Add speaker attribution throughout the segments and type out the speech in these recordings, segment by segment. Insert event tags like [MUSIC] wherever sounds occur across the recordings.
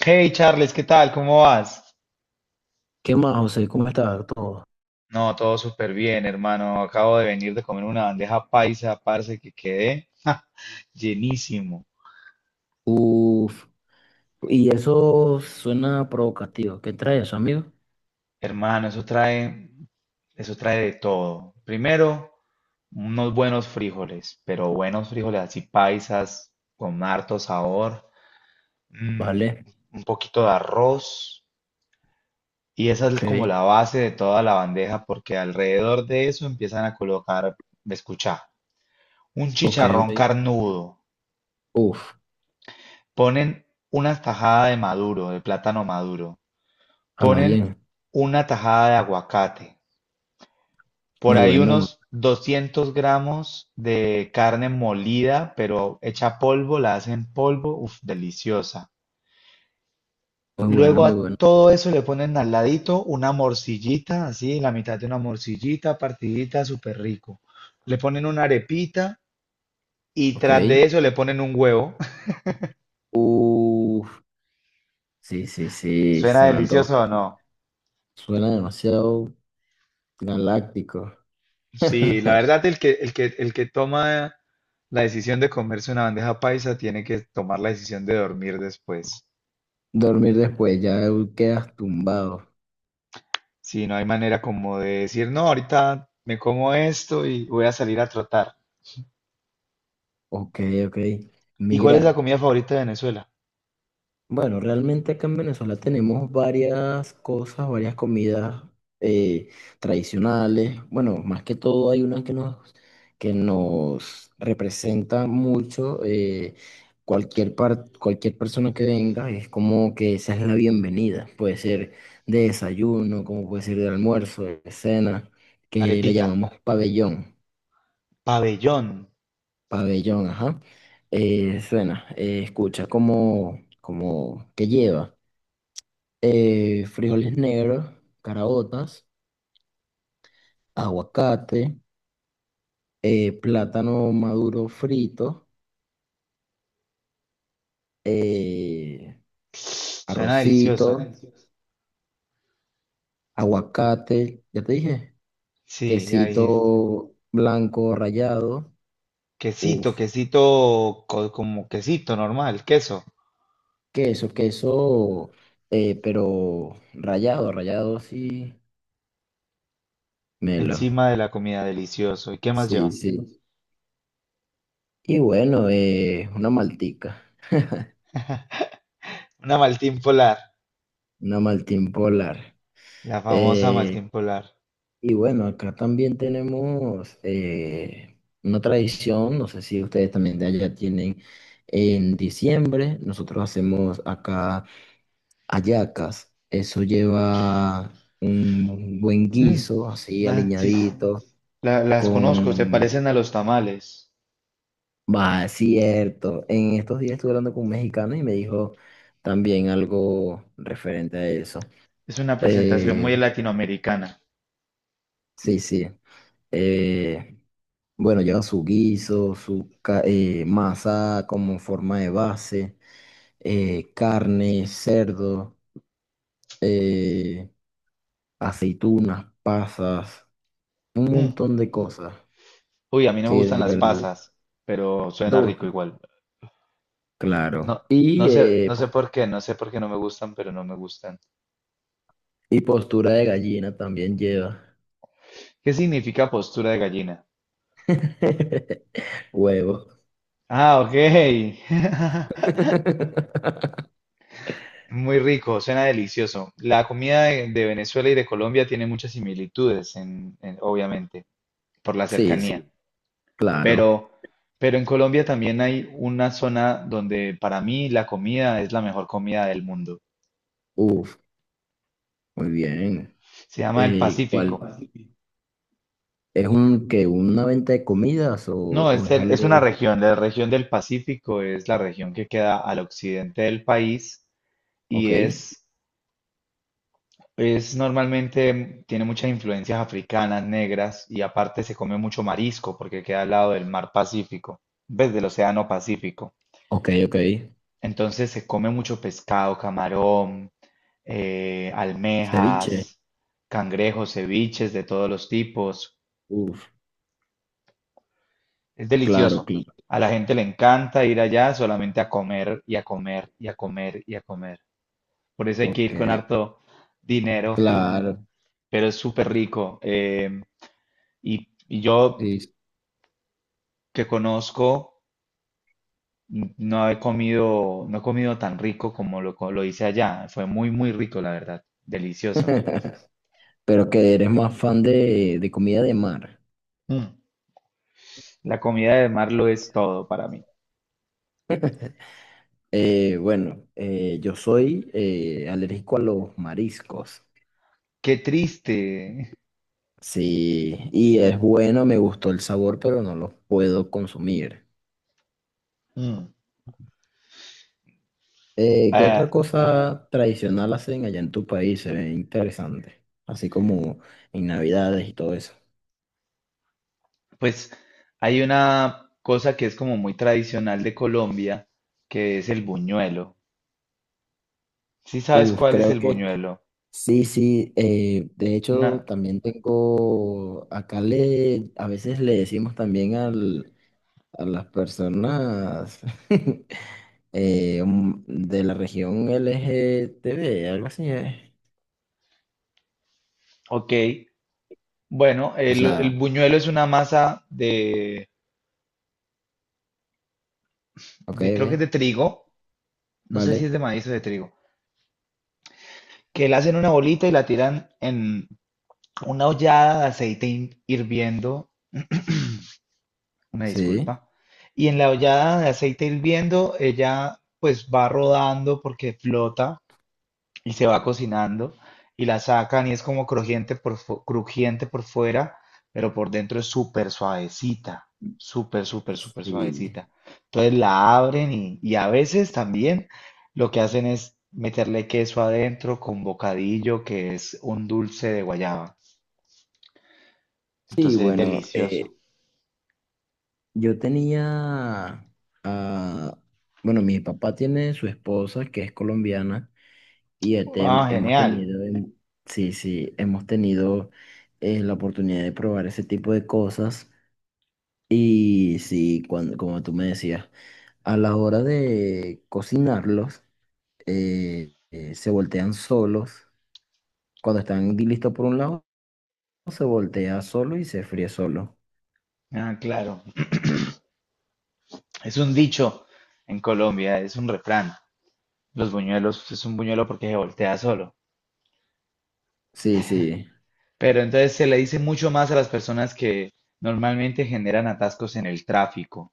Speaker 1: Hey Charles, ¿qué tal? ¿Cómo vas?
Speaker 2: ¿Qué más, José? ¿Cómo está todo?
Speaker 1: No, todo súper bien, hermano. Acabo de venir de comer una bandeja paisa, parce, que quedé llenísimo.
Speaker 2: Uf, y eso suena provocativo. ¿Qué trae eso, amigo?
Speaker 1: Hermano, eso trae de todo. Primero, unos buenos frijoles, pero buenos frijoles así paisas, con harto sabor, mm,
Speaker 2: Vale,
Speaker 1: un poquito de arroz, y esa
Speaker 2: ok,
Speaker 1: es como la base de toda la bandeja, porque alrededor de eso empiezan a colocar, escucha, un
Speaker 2: ok, ok.
Speaker 1: chicharrón carnudo.
Speaker 2: Uf,
Speaker 1: Ponen una tajada de maduro, de plátano maduro.
Speaker 2: habla
Speaker 1: Ponen
Speaker 2: bien.
Speaker 1: una tajada de aguacate. Por
Speaker 2: Muy
Speaker 1: ahí
Speaker 2: bueno,
Speaker 1: unos 200 gramos de carne molida, pero hecha polvo, la hacen polvo, uf, deliciosa.
Speaker 2: muy bueno,
Speaker 1: Luego
Speaker 2: muy
Speaker 1: a
Speaker 2: bueno.
Speaker 1: todo eso le ponen al ladito una morcillita, así, la mitad de una morcillita, partidita, súper rico. Le ponen una arepita y
Speaker 2: Ok.
Speaker 1: tras de eso le ponen un huevo. [LAUGHS]
Speaker 2: Uf, sí, sí, sí,
Speaker 1: ¿Suena
Speaker 2: se me antoja.
Speaker 1: delicioso o no?
Speaker 2: Suena demasiado galáctico.
Speaker 1: Sí, la
Speaker 2: [LAUGHS]
Speaker 1: verdad, el que toma la decisión de comerse una bandeja paisa tiene que tomar la decisión de dormir después.
Speaker 2: Dormir después, ya quedas tumbado.
Speaker 1: Si no hay manera como de decir, no, ahorita me como esto y voy a salir a trotar.
Speaker 2: Ok, ok.
Speaker 1: ¿Y cuál es la
Speaker 2: Mira.
Speaker 1: comida favorita de Venezuela?
Speaker 2: Bueno, realmente acá en Venezuela tenemos varias cosas, varias comidas eh, tradicionales. Bueno, más que todo hay unas que que nos representan mucho. Cualquier persona que venga es como que esa es la bienvenida. Puede ser de desayuno, como puede ser de almuerzo, de cena, que le
Speaker 1: Arepita,
Speaker 2: llamamos pabellón.
Speaker 1: pabellón.
Speaker 2: Pabellón, ajá. Suena, escucha como, como que lleva. Frijoles negros, caraotas, aguacate, plátano maduro frito, eh,
Speaker 1: Suena
Speaker 2: arrocito,
Speaker 1: delicioso.
Speaker 2: aguacate, ya te dije,
Speaker 1: Sí, ya dijiste.
Speaker 2: quesito blanco rallado,
Speaker 1: Quesito,
Speaker 2: uff,
Speaker 1: quesito, como quesito normal, queso.
Speaker 2: queso, queso, pero rallado, rallado así, melo,
Speaker 1: Encima de la comida, delicioso. ¿Y qué más
Speaker 2: sí,
Speaker 1: lleva?
Speaker 2: sí. Y bueno, una maltica,
Speaker 1: Una Maltín Polar,
Speaker 2: una Maltín Polar.
Speaker 1: la famosa
Speaker 2: eh
Speaker 1: Maltín Polar.
Speaker 2: Y bueno, acá también tenemos una tradición, no sé si ustedes también de allá tienen, en diciembre nosotros hacemos acá hallacas, eso lleva un buen
Speaker 1: Mm,
Speaker 2: guiso, así
Speaker 1: ah, sí,
Speaker 2: aliñadito,
Speaker 1: las conozco, se
Speaker 2: con...
Speaker 1: parecen a los tamales.
Speaker 2: Va, es cierto, en estos días estuve hablando con un mexicano y me dijo también algo referente a eso.
Speaker 1: Es una presentación muy
Speaker 2: Eh,
Speaker 1: latinoamericana.
Speaker 2: Sí, sí. Eh, bueno, lleva su guiso, masa como forma de base, carne, cerdo, eh, aceitunas, pasas, un
Speaker 1: Mm,
Speaker 2: montón de cosas
Speaker 1: uy, a mí no me
Speaker 2: que
Speaker 1: gustan
Speaker 2: de
Speaker 1: las
Speaker 2: verdad
Speaker 1: pasas, pero
Speaker 2: te
Speaker 1: suena rico
Speaker 2: gustan.
Speaker 1: igual. No,
Speaker 2: Claro. Y,
Speaker 1: no sé por qué, no sé por qué no me gustan, pero no me gustan.
Speaker 2: y postura de gallina también lleva.
Speaker 1: ¿Qué significa postura de gallina?
Speaker 2: [LAUGHS] Huevo.
Speaker 1: Ah, ok. [LAUGHS]
Speaker 2: [LAUGHS]
Speaker 1: Muy rico, suena delicioso. La comida de Venezuela y de Colombia tiene muchas similitudes, obviamente, por la
Speaker 2: Sí,
Speaker 1: cercanía.
Speaker 2: sí, claro.
Speaker 1: Pero, pero en Colombia también hay una zona donde para mí la comida es la mejor comida del mundo.
Speaker 2: Uf, muy bien.
Speaker 1: Se llama el
Speaker 2: ¿Cuál?
Speaker 1: Pacífico.
Speaker 2: ¿Es un que una venta de comidas
Speaker 1: No,
Speaker 2: o es
Speaker 1: es una
Speaker 2: algo?
Speaker 1: región. La región del Pacífico es la región que queda al occidente del país
Speaker 2: Ok,
Speaker 1: y es, es normalmente, tiene muchas influencias africanas, negras y aparte se come mucho marisco porque queda al lado del mar Pacífico, ves del océano Pacífico.
Speaker 2: ok, ok.
Speaker 1: Entonces se come mucho pescado, camarón,
Speaker 2: Ceviche.
Speaker 1: almejas, cangrejos, ceviches de todos los tipos.
Speaker 2: Uf,
Speaker 1: Es
Speaker 2: claro,
Speaker 1: delicioso.
Speaker 2: claro.
Speaker 1: A la gente le encanta ir allá solamente a comer y a comer y a comer y a comer. Por eso hay que
Speaker 2: Ok,
Speaker 1: ir con harto dinero,
Speaker 2: claro.
Speaker 1: pero es súper rico. Y yo
Speaker 2: Sí.
Speaker 1: que conozco, no he comido, no he comido tan rico como lo hice allá. Fue muy rico, la verdad. Delicioso.
Speaker 2: [LAUGHS] Pero que eres más fan de comida de mar.
Speaker 1: Mm. La comida de mar lo es todo para mí.
Speaker 2: Bueno, yo soy alérgico a los mariscos.
Speaker 1: Qué triste.
Speaker 2: Sí, y es bueno, me gustó el sabor, pero no los puedo consumir.
Speaker 1: Mm,
Speaker 2: ¿Qué otra
Speaker 1: ah,
Speaker 2: cosa tradicional hacen allá en tu país? Se ve interesante, así como en Navidades y todo eso.
Speaker 1: pues hay una cosa que es como muy tradicional de Colombia, que es el buñuelo. ¿Sí sabes
Speaker 2: Uf,
Speaker 1: cuál es
Speaker 2: creo
Speaker 1: el
Speaker 2: que
Speaker 1: buñuelo?
Speaker 2: sí, sí. De
Speaker 1: Una,
Speaker 2: hecho, también tengo, acá le, a veces le decimos también al, a las personas [LAUGHS] de la región LGTB algo así es.
Speaker 1: ok. Bueno,
Speaker 2: O
Speaker 1: el
Speaker 2: sea,
Speaker 1: buñuelo es una masa de,
Speaker 2: ok,
Speaker 1: de, creo que es
Speaker 2: ve,
Speaker 1: de trigo, no sé si
Speaker 2: vale,
Speaker 1: es de maíz o de trigo, que la hacen una bolita y la tiran en una ollada de aceite hirviendo. Una
Speaker 2: sí.
Speaker 1: disculpa. Y en la ollada de aceite hirviendo, ella pues va rodando porque flota y se va cocinando y la sacan y es como crujiente crujiente por fuera, pero por dentro es súper suavecita, súper
Speaker 2: Sí,
Speaker 1: suavecita. Entonces la abren y a veces también lo que hacen es meterle queso adentro con bocadillo, que es un dulce de guayaba.
Speaker 2: sí,
Speaker 1: Entonces es
Speaker 2: bueno,
Speaker 1: delicioso.
Speaker 2: yo tenía, ah, bueno, mi papá tiene su esposa que es colombiana y este,
Speaker 1: Ah,
Speaker 2: hemos
Speaker 1: genial.
Speaker 2: tenido, sí, sí, hemos tenido la oportunidad de probar ese tipo de cosas y sí, cuando, como tú me decías, a la hora de cocinarlos, se voltean solos. Cuando están listos por un lado, se voltea solo y se fríe solo.
Speaker 1: Ah, claro. Es un dicho en Colombia, es un refrán. Los buñuelos pues, es un buñuelo porque se voltea solo.
Speaker 2: Sí, sí,
Speaker 1: Pero entonces se le dice mucho más a las personas que normalmente generan atascos en el tráfico.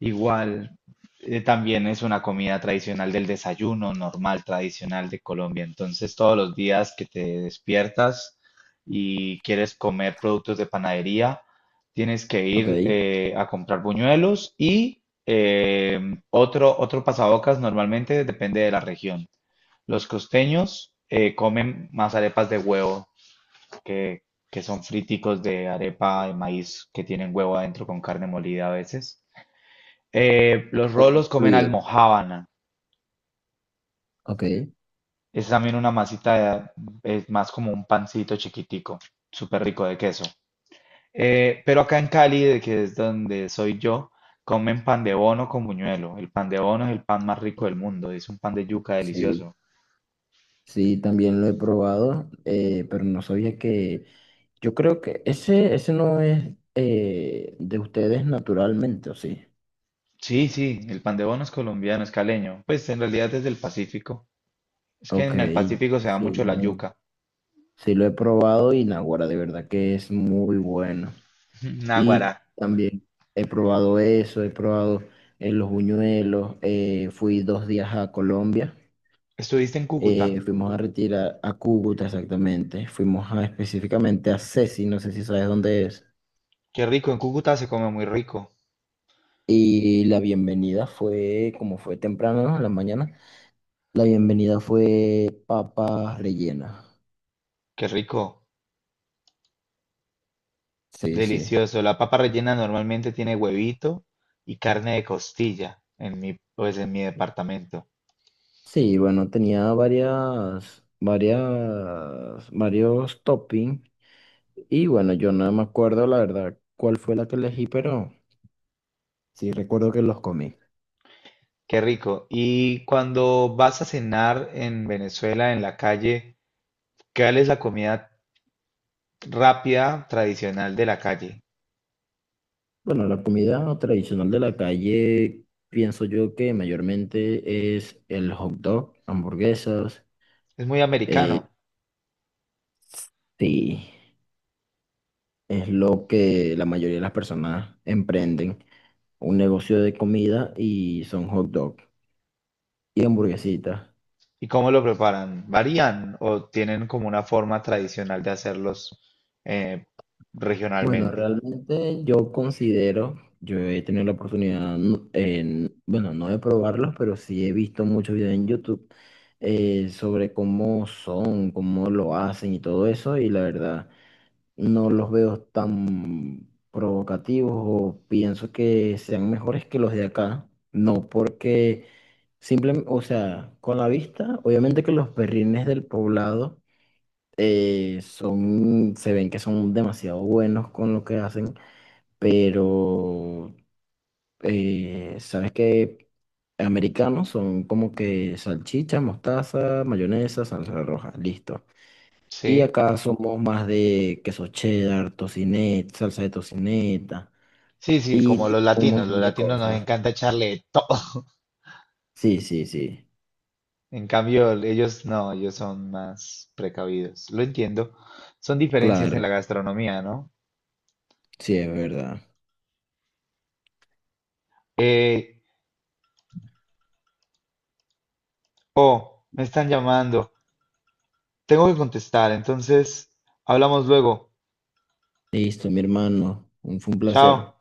Speaker 1: Igual, también es una comida tradicional del desayuno normal, tradicional de Colombia. Entonces, todos los días que te despiertas y quieres comer productos de panadería, tienes que ir
Speaker 2: ok.
Speaker 1: a comprar buñuelos y otro pasabocas normalmente depende de la región. Los costeños comen más arepas de huevo, que, que son friticos de arepa de maíz que tienen huevo adentro con carne molida a veces. Los rolos comen
Speaker 2: Fluido,
Speaker 1: almojábana.
Speaker 2: ok.
Speaker 1: Es también una masita, es más como un pancito chiquitico, súper rico de queso. Pero acá en Cali, de que es donde soy yo, comen pan de bono con buñuelo. El pan de bono es el pan más rico del mundo, es un pan de yuca
Speaker 2: Sí.
Speaker 1: delicioso.
Speaker 2: Sí, también lo he probado, pero no sabía que... Yo creo que ese no es de ustedes naturalmente, ¿o sí?
Speaker 1: Sí, sí, el pan de bono es colombiano, es caleño. Pues en realidad es del Pacífico. Es que
Speaker 2: Ok,
Speaker 1: en el Pacífico se da
Speaker 2: sí
Speaker 1: mucho
Speaker 2: lo
Speaker 1: la
Speaker 2: he,
Speaker 1: yuca.
Speaker 2: sí lo he probado y naguará, de verdad que es muy bueno.
Speaker 1: [LAUGHS]
Speaker 2: Y
Speaker 1: Naguará.
Speaker 2: también he probado eso, he probado los buñuelos, fui 2 días a Colombia,
Speaker 1: Estuviste en Cúcuta.
Speaker 2: fuimos a retirar a Cúcuta exactamente, fuimos a, específicamente a Ceci, no sé si sabes dónde es.
Speaker 1: Qué rico, en Cúcuta se come muy rico.
Speaker 2: Y la bienvenida fue, como fue temprano, ¿no? En la mañana, la bienvenida fue papas rellenas.
Speaker 1: Qué rico.
Speaker 2: Sí, sí.
Speaker 1: Delicioso. La papa rellena normalmente tiene huevito y carne de costilla en mi, pues en mi departamento.
Speaker 2: Sí, bueno, tenía varias, varias, varios toppings. Y bueno, yo no me acuerdo la verdad cuál fue la que elegí, pero sí recuerdo que los comí.
Speaker 1: Qué rico. Y cuando vas a cenar en Venezuela, en la calle, ¿cuál es la comida rápida tradicional de la calle?
Speaker 2: Bueno, la comida tradicional de la calle, pienso yo que mayormente es el hot dog, hamburguesas.
Speaker 1: Es muy
Speaker 2: eh,
Speaker 1: americano.
Speaker 2: sí. Es lo que la mayoría de las personas emprenden, un negocio de comida y son hot dog y hamburguesitas.
Speaker 1: ¿Y cómo lo preparan? ¿Varían o tienen como una forma tradicional de hacerlos eh,
Speaker 2: Bueno,
Speaker 1: regionalmente?
Speaker 2: realmente yo considero, yo he tenido la oportunidad, bueno, no de probarlos, pero sí he visto muchos videos en YouTube sobre cómo son, cómo lo hacen y todo eso, y la verdad. No los veo tan provocativos o pienso que sean mejores que los de acá. No, porque simplemente, o sea, con la vista, obviamente que los perrines del poblado son, se ven que son demasiado buenos con lo que hacen, pero sabes que americanos son como que salchicha, mostaza, mayonesa, salsa roja, listo. Y
Speaker 1: Sí,
Speaker 2: acá somos más de queso cheddar, tocineta, salsa de tocineta
Speaker 1: sí, sí, como
Speaker 2: y
Speaker 1: los
Speaker 2: un
Speaker 1: latinos.
Speaker 2: montón
Speaker 1: Los
Speaker 2: de
Speaker 1: latinos nos
Speaker 2: cosas.
Speaker 1: encanta echarle de todo.
Speaker 2: Sí, sí, sí.
Speaker 1: En cambio, ellos no, ellos son más precavidos. Lo entiendo. Son diferencias en
Speaker 2: Claro,
Speaker 1: la gastronomía, ¿no?
Speaker 2: sí, es verdad.
Speaker 1: Eh, oh, me están llamando. Tengo que contestar, entonces hablamos luego.
Speaker 2: Listo, mi hermano. Fue un
Speaker 1: Chao.
Speaker 2: placer.